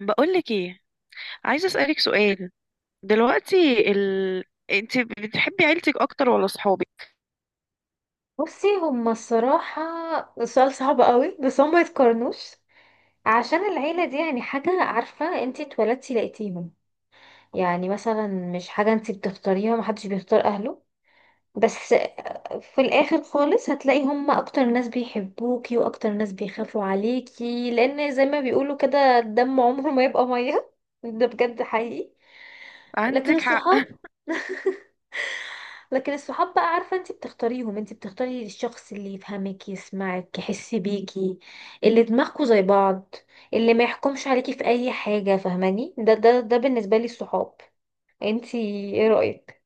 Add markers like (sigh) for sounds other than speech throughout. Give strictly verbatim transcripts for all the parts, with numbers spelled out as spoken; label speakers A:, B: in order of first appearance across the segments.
A: بقولك ايه، عايزة اسألك سؤال دلوقتي. ال... انت بتحبي عيلتك اكتر ولا صحابك؟
B: بصي، هما الصراحة سؤال صعب قوي بس هما يتقارنوش. عشان العيلة دي يعني حاجة، عارفة، انتي اتولدتي لقيتيهم. يعني مثلا مش حاجة انتي بتختاريها، محدش بيختار أهله. بس في الاخر خالص هتلاقي هم اكتر ناس بيحبوكي واكتر ناس بيخافوا عليكي، لان زي ما بيقولوا كده الدم عمره ما يبقى ميه. (laughs) ده بجد حقيقي. لكن
A: عندك حق.
B: الصحاب.
A: (laughs)
B: (laughs) لكن الصحاب بقى، عارفة، انت بتختاريهم، انت بتختاري الشخص اللي يفهمك، يسمعك، يحس بيكي، اللي دماغكوا زي بعض، اللي ما يحكمش عليكي في اي حاجة، فاهماني؟ ده ده ده بالنسبة لي الصحاب. انت ايه رأيك؟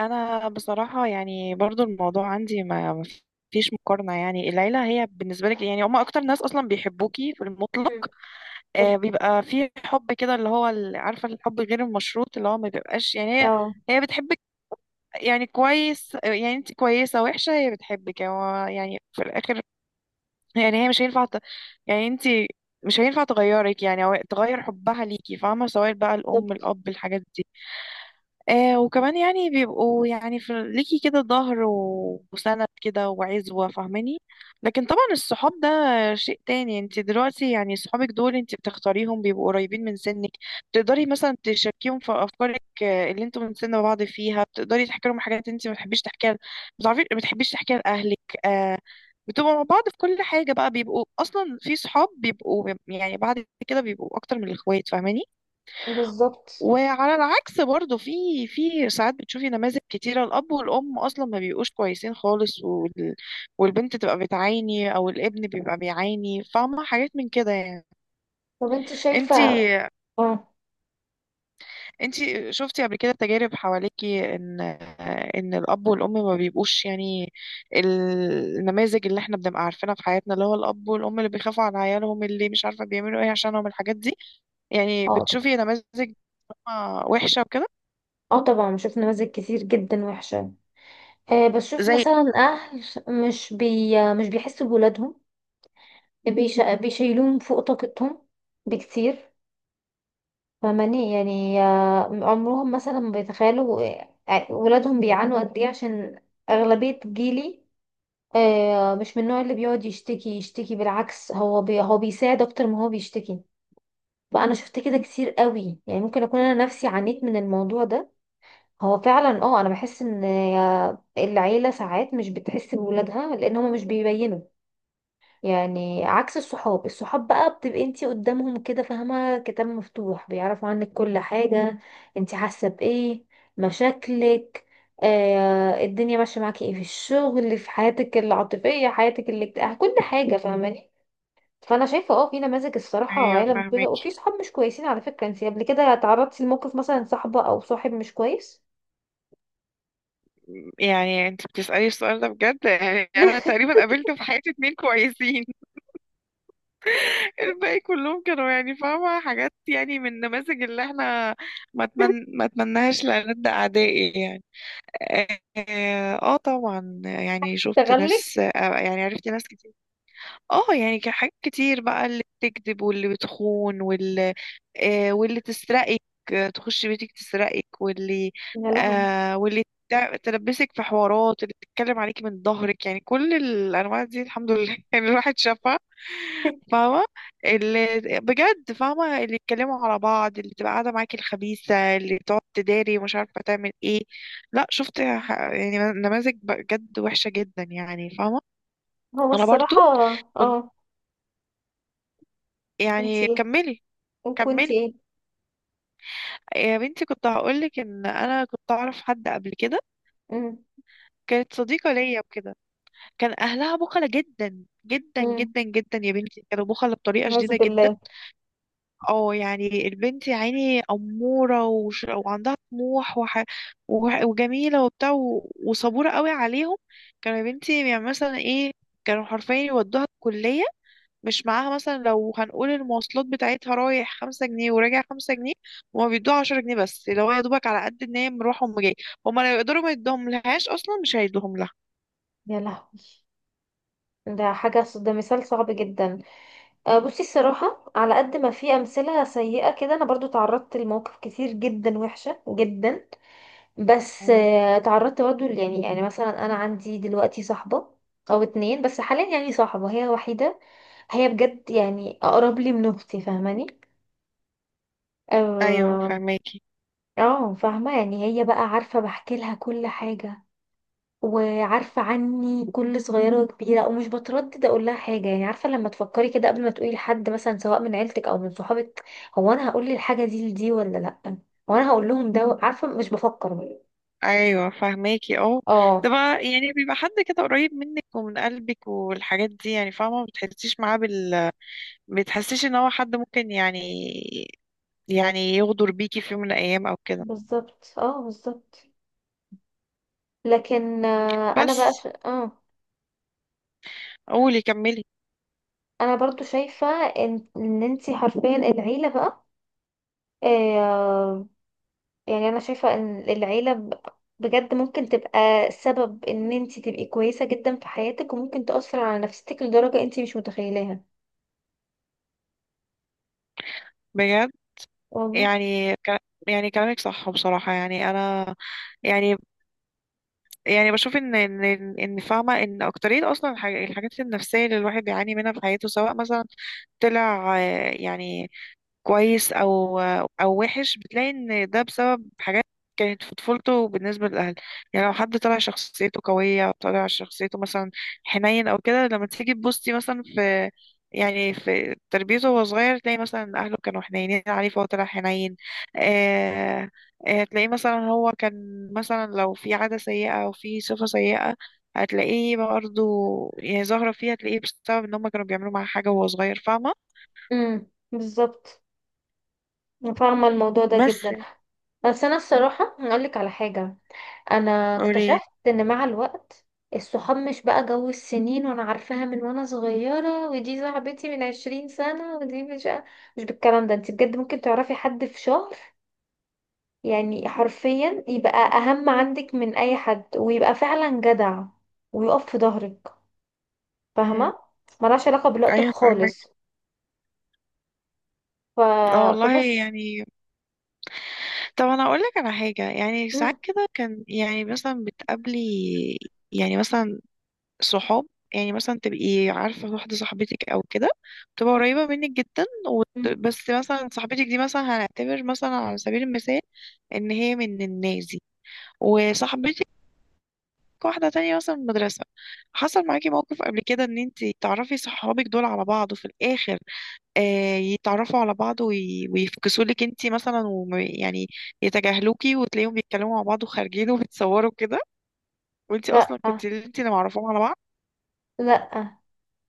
A: انا بصراحة يعني برضو الموضوع عندي ما ما فيش مقارنة، يعني العيلة هي بالنسبة لك، يعني هما اكتر ناس اصلا بيحبوكي في المطلق.
B: مم. طب-
A: آه، بيبقى في حب كده اللي هو ال- عارفة الحب غير المشروط، اللي هو ما بيبقاش، يعني هي
B: اه.
A: هي بتحبك. يعني كويس، يعني انت كويسة وحشة هي بتحبك، يعني هو يعني في الاخر، يعني هي مش هينفع ت... يعني انت مش هينفع تغيرك، يعني او تغير حبها ليكي، فاهمة؟ سواء بقى
B: طب
A: الأم، الأب، الحاجات دي. آه، وكمان يعني بيبقوا يعني في ليكي كده ظهر و- وسند كده وعزوة، فاهماني؟ لكن طبعا الصحاب ده شيء تاني. انت دلوقتي يعني صحابك دول انت بتختاريهم، بيبقوا قريبين من سنك، بتقدري مثلا تشاركيهم في افكارك، آه، اللي انتوا من سن بعض فيها، بتقدري تحكي لهم حاجات انت ما بتحبيش تحكيها ل- بتعرفي ما بتحبيش تحكيها لاهلك، آه. بتبقوا مع بعض في كل حاجة بقى، بيبقوا اصلا في صحاب بيبقوا يعني بعد كده بيبقوا اكتر من الاخوات، فاهماني؟
B: بالظبط.
A: وعلى العكس برضه، في في ساعات بتشوفي نماذج كتيرة، الأب والأم أصلا ما بيبقوش كويسين خالص، وال... والبنت تبقى بتعاني أو الابن بيبقى بيعاني، فاهمة؟ حاجات من كده يعني.
B: طب انت شايفة؟ اه
A: انتي انتي شفتي قبل كده تجارب حواليكي، إن إن الأب والأم ما بيبقوش يعني، النماذج اللي احنا بنبقى عارفينها في حياتنا اللي هو الأب والأم اللي بيخافوا على عيالهم، اللي مش عارفة بيعملوا ايه عشانهم، الحاجات دي. يعني
B: اه طبعا.
A: بتشوفي نماذج وحشة وكده،
B: اه طبعا، بشوف نماذج كتير جدا وحشة. آه، بشوف
A: زي،
B: مثلا اهل مش بي مش بيحسوا بولادهم، بيش... بيشيلوهم فوق طاقتهم بكتير. فماني يعني آه عمرهم مثلا ما بيتخيلوا آه، ولادهم بيعانوا قد ايه، عشان اغلبية جيلي آه مش من النوع اللي بيقعد يشتكي يشتكي، بالعكس هو بي... هو بيساعد اكتر ما هو بيشتكي. فانا شفت كده كتير قوي، يعني ممكن اكون انا نفسي عانيت من الموضوع ده. هو فعلا اه انا بحس ان العيله ساعات مش بتحس بولادها لان هما مش بيبينوا. يعني عكس الصحاب، الصحاب بقى بتبقي انتي قدامهم كده، فاهمه، كتاب مفتوح، بيعرفوا عنك كل حاجه، انتي حاسه بايه، مشاكلك، آه الدنيا ماشيه معاكي ايه في الشغل، في حياتك العاطفيه، حياتك الاجتماعيه، كل حاجه، فاهماني؟ فانا شايفه اه في نماذج الصراحه
A: ايوه
B: عيله مش
A: فاهمة.
B: كويسه وفي صحاب مش كويسين. على فكره انتي قبل كده تعرضتي لموقف مثلا صاحبه او صاحب مش كويس؟
A: يعني انت بتسألي السؤال ده، بجد يعني انا تقريبا قابلت في حياتي اتنين كويسين. (laughs)
B: (laughs)
A: الباقي كلهم كانوا يعني فاهمة حاجات يعني من النماذج اللي احنا، ما اتمن... ما اتمناهاش لألد أعدائي يعني. اه. آه، طبعا يعني شفت
B: تغلب.
A: ناس، آه، يعني عرفت ناس كتير. اه، يعني كان حاجات كتير بقى، اللي بتكذب واللي بتخون واللي آه واللي تسرقك، آه، تخش بيتك تسرقك، واللي
B: يا لهوي.
A: آه واللي تع- تلبسك في حوارات، اللي تتكلم عليكي من ظهرك، يعني كل الانواع دي الحمد لله (laughs) يعني الواحد شافها،
B: (laughs)
A: فاهمه؟ اللي، بجد فاهمه اللي يتكلموا على بعض، اللي تبقى قاعده معاكي الخبيثه، اللي تقعد تداري ومش عارفه تعمل ايه. لا، شفت ح- يعني نماذج بجد وحشه جدا يعني، فاهمه؟
B: هو
A: انا برضو
B: الصراحة
A: كنت،
B: اه. كنت
A: يعني
B: ايه؟
A: كملي،
B: وكنت
A: كملي.
B: ايه؟
A: يا بنتي، كنت هقولك ان انا كنت اعرف حد قبل كده،
B: امم
A: كانت صديقة ليا وكده. كان اهلها بخلة جدا جدا
B: امم
A: جدا جدا، يا بنتي كانوا بخلة بطريقة
B: أعوذ
A: شديدة جدا.
B: بالله.
A: اه، يعني البنت يا عيني أمورة وش... وعندها طموح وح... وح... وجميلة وبتاع و... وصبورة قوي عليهم. كانوا يا بنتي يعني مثلا ايه، كانوا حرفيا يودوها الكلية، مش معاها مثلا. لو هنقول المواصلات بتاعتها: رايح خمسة جنيه وراجع خمسة جنيه، هما بيدوها عشرة جنيه بس، اللي هو يا دوبك على قد ان هي مروحة وأم جاية. هما لو يقدروا ما يدوهم لهاش اصلا، مش هيدوهم لها.
B: يا لهوي، ده حاجة، ده مثال صعب جدا. آه، بصي الصراحة على قد ما في أمثلة سيئة كده، أنا برضو تعرضت لمواقف كتير جدا وحشة جدا. بس
A: أيوة.
B: آه، تعرضت برضو ل- يعني يعني مثلا أنا عندي دلوقتي صاحبة، أو اتنين بس حاليا، يعني صاحبة هي وحيدة، هي بجد يعني أقرب لي من أختي، فاهماني
A: ايوه
B: آه؟
A: فهماكي،
B: اه فاهمة، يعني هي بقى عارفة بحكي لها كل حاجة، وعارفة عني كل صغيرة وكبيرة، ومش بتردد اقول لها حاجة. يعني عارفة لما تفكري كده قبل ما تقولي لحد مثلا سواء من عيلتك او من صحابك، هو انا هقول الحاجة دي لدي ولا لا، هو انا هقول لهم، ده عارفة مش بفكر.
A: ايوه فهماكي، اه. ده
B: اه
A: بقى يعني بيبقى حد كده قريب منك ومن قلبك والحاجات دي، يعني فاهمه ما بتحسيش معاه بال بتحسيش ان هو حد ممكن يعني يعني يغدر بيكي في يوم من الايام او كده.
B: بالظبط، اه بالظبط. لكن آه، انا بقى
A: بس
B: ش... اه،
A: قولي، كملي.
B: انا برضو شايفة ان ان انتي حرفيا العيلة بقى، آه، يعني انا شايفة ان العيلة ب- بجد ممكن تبقى سبب ان انت تبقي كويسة جدا في حياتك، وممكن تأثر على نفسيتك لدرجة انت مش متخيلاها.
A: بجد،
B: والله.
A: يعني ك... يعني كلامك صح بصراحة، يعني أنا يعني يعني بشوف إن، إن إن إن فاهمة إن أكترية أصلا الح- الحاجات النفسية اللي الواحد بيعاني منها في حياته، سواء مثلا طلع، آه، يعني كويس او او وحش، بتلاقي ان ده بسبب حاجات كانت في طفولته بالنسبه للاهل. يعني لو حد طلع شخصيته قويه او طلع شخصيته مثلا حنين او كده، لما تيجي تبصي مثلا في، يعني في تربيته وهو صغير، تلاقي مثلا اهله كانوا حنينين عليه فهو طلع حنين. آه. آه تلاقيه مثلا هو كان مثلا، لو في عاده سيئه او في صفه سيئه، هتلاقيه برضه يعني ظاهره فيها، هتلاقيه بسبب ان هم كانوا بيعملوا معاه حاجه وهو صغير، فاهمه؟
B: امم بالظبط. أنا فاهمة الموضوع ده
A: بس
B: جدا. بس انا الصراحة هقولك على حاجة، انا
A: قولي.
B: اكتشفت ان مع الوقت الصحاب مش بقى جو السنين. وانا عارفاها من وانا صغيرة، ودي صاحبتي من عشرين سنة، ودي مش مش بالكلام ده. انت بجد ممكن تعرفي حد في شهر، يعني حرفيا يبقى اهم عندك من اي حد، ويبقى فعلا جدع ويقف في ظهرك،
A: مم.
B: فاهمه؟ ملهاش علاقه بالوقت
A: ايوه
B: خالص.
A: فاهمك.
B: ف...
A: لا والله
B: فبس.
A: يعني، طب انا اقول لك على حاجه. يعني ساعات
B: مم.
A: كده كان، يعني مثلا بتقابلي، يعني مثلا صحاب، يعني مثلا تبقي عارفه واحده صاحبتك او كده، تبقى قريبه منك جدا وت-
B: مم.
A: بس مثلا صاحبتك دي، مثلا هنعتبر مثلا على سبيل المثال ان هي من الناس دي، وصاحبتك واحده تانية مثلا من المدرسه. حصل معاكي موقف قبل كده ان انت تعرفي صحابك دول على بعض، وفي الاخر آه، يتعرفوا على بعض وي- ويفكسوا لك انت مثلا وم- يعني يتجاهلوكي، وتلاقيهم بيتكلموا مع بعض وخارجين (laughs) وبتصوروا كده، وانت
B: لا،
A: اصلا كنت انت اللي معرفاهم على بعض.
B: لا،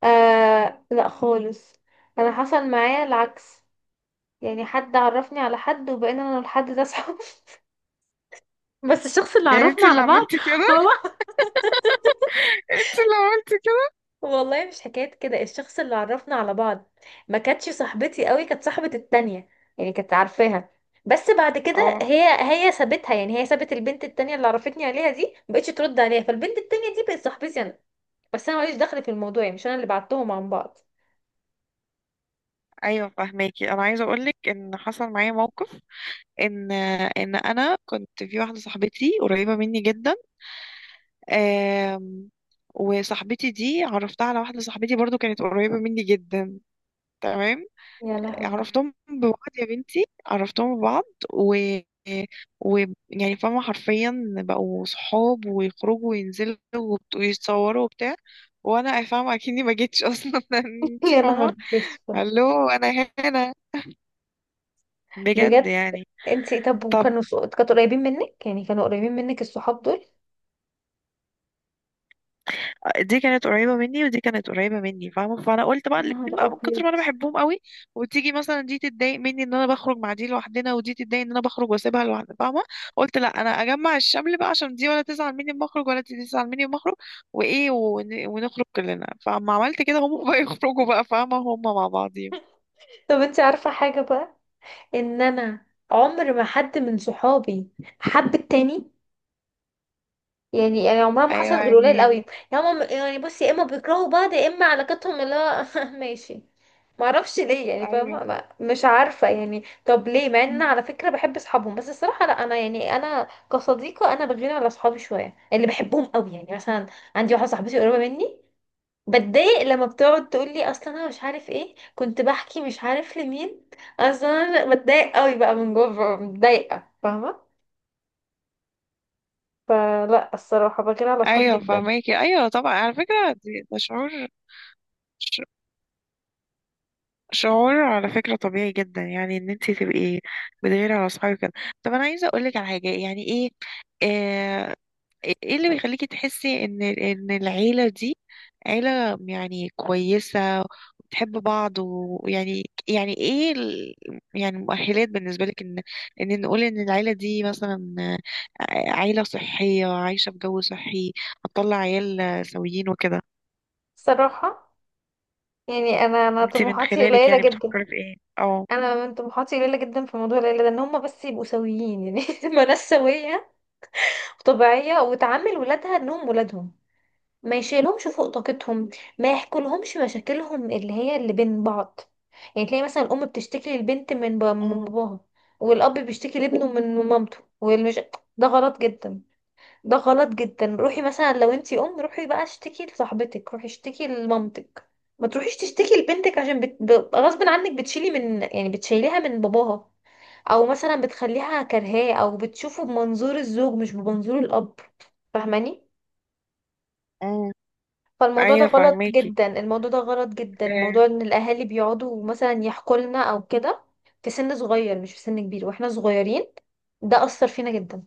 B: آه لا خالص. انا حصل معايا العكس، يعني حد عرفني على حد وبقينا انا والحد ده صحاب. (laughs) بس الشخص اللي
A: يعني انت
B: عرفنا
A: اللي
B: على بعض
A: عملتي كده؟
B: هو.
A: (laughs) انت اللي عملتي كده،
B: والله مش حكاية كده، الشخص اللي عرفنا على بعض ما كانتش صاحبتي قوي، كانت صاحبة التانية. يعني كانت عارفاها، بس بعد كده
A: اه.
B: هي، هي سابتها. يعني هي سابت البنت التانية اللي عرفتني عليها دي، مبقتش ترد عليها. فالبنت التانية دي بقت صاحبتي انا، بس انا ماليش دخل في الموضوع، يعني مش انا اللي بعتهم عن بعض.
A: ايوه فهماكي. انا عايزه اقول لك ان حصل معايا موقف، ان ان انا كنت في واحده صاحبتي قريبه مني جدا. آم، وصاحبتي دي عرفتها على واحده صاحبتي برضو كانت قريبه مني جدا. تمام.
B: يا لهوي.
A: عرفتهم ببعض يا بنتي، عرفتهم ببعض، و و يعني فاهمة حرفيا بقوا صحاب، ويخرجوا وينزلوا وبت- ويتصوروا وبتاع، وانا فاهمة اكني ما جيتش اصلا. (laughs)
B: (laughs)
A: انت
B: يا
A: فاهمة؟
B: نهار بسفة.
A: الو، انا هنا، بجد
B: بجد.
A: يعني.
B: انتي طب
A: طب،
B: وكانوا ص- كانوا قريبين منك؟ يعني كانوا قريبين منك الصحاب دول؟
A: دي كانت قريبة مني ودي كانت قريبة مني، فاهمة؟ فأنا قلت بقى
B: نهار
A: الاتنين بقى من كتر
B: ابيض.
A: ما أنا بحبهم قوي، وتيجي مثلا دي تتضايق مني إن أنا بخرج مع دي لوحدنا، ودي تتضايق إن أنا بخرج وأسيبها لوحدها، فاهمة؟ قلت لأ، أنا أجمع الشمل بقى، عشان دي ولا تزعل مني لما أخرج ولا دي تزعل مني لما أخرج، وإيه ون- ونخرج كلنا. فما عملت كده، هم بقى (laughs) يخرجوا بقى، فاهمة، هم مع بعضهم.
B: طب انتي عارفة حاجة بقى، ان انا عمر ما حد من صحابي حب التاني. يعني يعني عمرها ما
A: أيوة،
B: حصلت غير قليل
A: يعني
B: قوي، يا هم يعني، بص، يا اما بيكرهوا بعض، يا اما علاقتهم اللي هو (laughs) ماشي. ما اعرفش ليه يعني،
A: أيوة،
B: فاهمه، ما- مش عارفه يعني طب ليه؟ مع ان انا على فكره بحب اصحابهم. بس الصراحه لا، انا يعني انا كصديقه انا بغير على اصحابي شويه اللي بحبهم قوي. يعني مثلا عندي واحده صاحبتي قريبه مني، بتضايق لما بتقعد تقول لي اصلا انا مش عارف ايه كنت بحكي مش عارف لمين، اصلا انا بتضايق قوي بقى من جوه، ببقى متضايقه، فاهمه؟ فلا الصراحه بغير على اصحابي
A: أيوة
B: جدا.
A: فاهماكي، أيوة. طبعا على فكرة، دي- ده شعور، شعور على فكرة طبيعي جدا، يعني ان انت تبقي بتغيري على اصحابك كده. طب انا عايزة اقولك على حاجة. يعني ايه، آه، ايه اللي بيخليكي تحسي ان ان العيلة دي عيلة يعني كويسة وبتحب بعض، ويعني يعني يعني ايه ال- يعني مؤهلات بالنسبة لك ان ان نقول ان العيلة دي مثلا، آه، عيلة صحية عايشة بجو صحي، هتطلع عيال سويين وكده.
B: الصراحه يعني انا انا
A: انت من
B: طموحاتي
A: خلالك
B: قليله
A: يعني
B: جدا.
A: بتفكري في ايه؟ اه.
B: انا من طموحاتي قليله جدا في موضوع العيله ده، ان هم بس يبقوا سويين، يعني (laughs) ما ناس سويه وطبيعيه، وتعامل ولادها انهم ولادهم، ما يشيلهمش فوق طاقتهم، ما يحكولهمش مشاكلهم اللي هي اللي بين بعض. يعني تلاقي مثلا الام بتشتكي للبنت من با- من باباها، والاب بيشتكي لابنه من مامته، والمش (tsk) ده غلط جدا. ده غلط جدا. روحي مثلا لو انتي ام روحي بقى اشتكي لصاحبتك، روحي اشتكي لمامتك، ما تروحيش تشتكي لبنتك، عشان بت... ب- غصب عنك بتشيلي من يعني بتشيليها من باباها، او مثلا بتخليها كرهاه، او بتشوفه بمنظور الزوج مش بمنظور الاب، فاهماني؟
A: أمم،
B: فالموضوع ده
A: ايوه
B: غلط
A: فاهماكي.
B: جدا، الموضوع ده غلط جدا.
A: آه،
B: موضوع ان الاهالي بيقعدوا مثلا يحكوا لنا او كده في سن صغير، مش في سن كبير، واحنا صغيرين، ده اثر فينا جدا.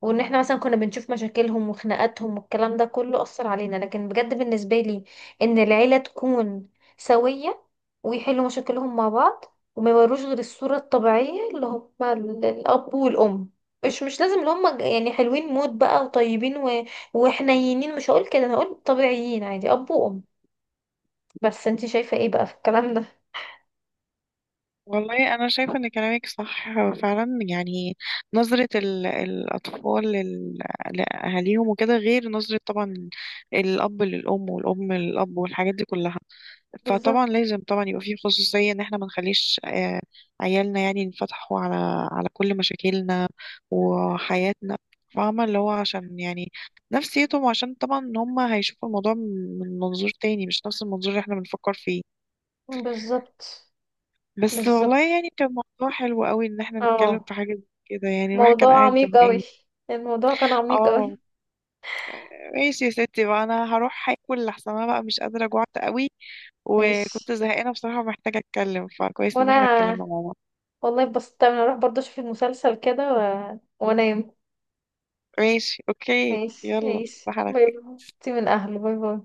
B: وان احنا مثلا كنا بنشوف مشاكلهم وخناقاتهم والكلام ده كله، اثر علينا. لكن بجد بالنسبه لي، ان العيله تكون سويه ويحلوا مشاكلهم مع بعض، وما يوروش غير الصوره الطبيعيه اللي هم ال- الاب والام. مش مش لازم اللي هم يعني حلوين موت بقى وطيبين و... وحنينين، مش هقول كده، انا هقول طبيعيين عادي، اب وام. بس انت شايفه ايه بقى في الكلام ده؟
A: والله انا شايفه ان كلامك صح، فعلا يعني نظره ال- الاطفال لل- لاهاليهم وكده غير نظره طبعا الاب للام والام للاب والحاجات دي كلها. فطبعا
B: بالظبط.
A: لازم طبعا يبقى في خصوصيه ان احنا ما نخليش آه عيالنا يعني ينفتحوا على على كل مشاكلنا وحياتنا، فاهمه؟ اللي هو عشان يعني نفسيتهم، عشان طبعا هم هيشوفوا الموضوع من منظور تاني، مش نفس المنظور اللي احنا بنفكر فيه.
B: بالظبط.
A: بس
B: بالظبط.
A: والله، يعني كان موضوع حلو قوي ان احنا نتكلم
B: اه.
A: في حاجة زي كده، يعني الواحد كان
B: موضوع
A: قاعد
B: عميق قوي،
A: زهقان.
B: الموضوع كان عميق
A: اه.
B: قوي.
A: ماشي يا ستي بقى، انا هروح هاكل، لحسن انا بقى مش قادرة، جوعت قوي،
B: ماشي.
A: وكنت زهقانة بصراحة، محتاجة اتكلم، فكويس ان
B: وانا
A: احنا اتكلمنا مع بعض.
B: والله اتبسطت اوي. انا اروح برضه اشوف المسلسل كده و... وانام.
A: ماشي، اوكي،
B: ماشي
A: يلا،
B: ماشي،
A: صباح على
B: باي باي. انتي من اهله، باي باي.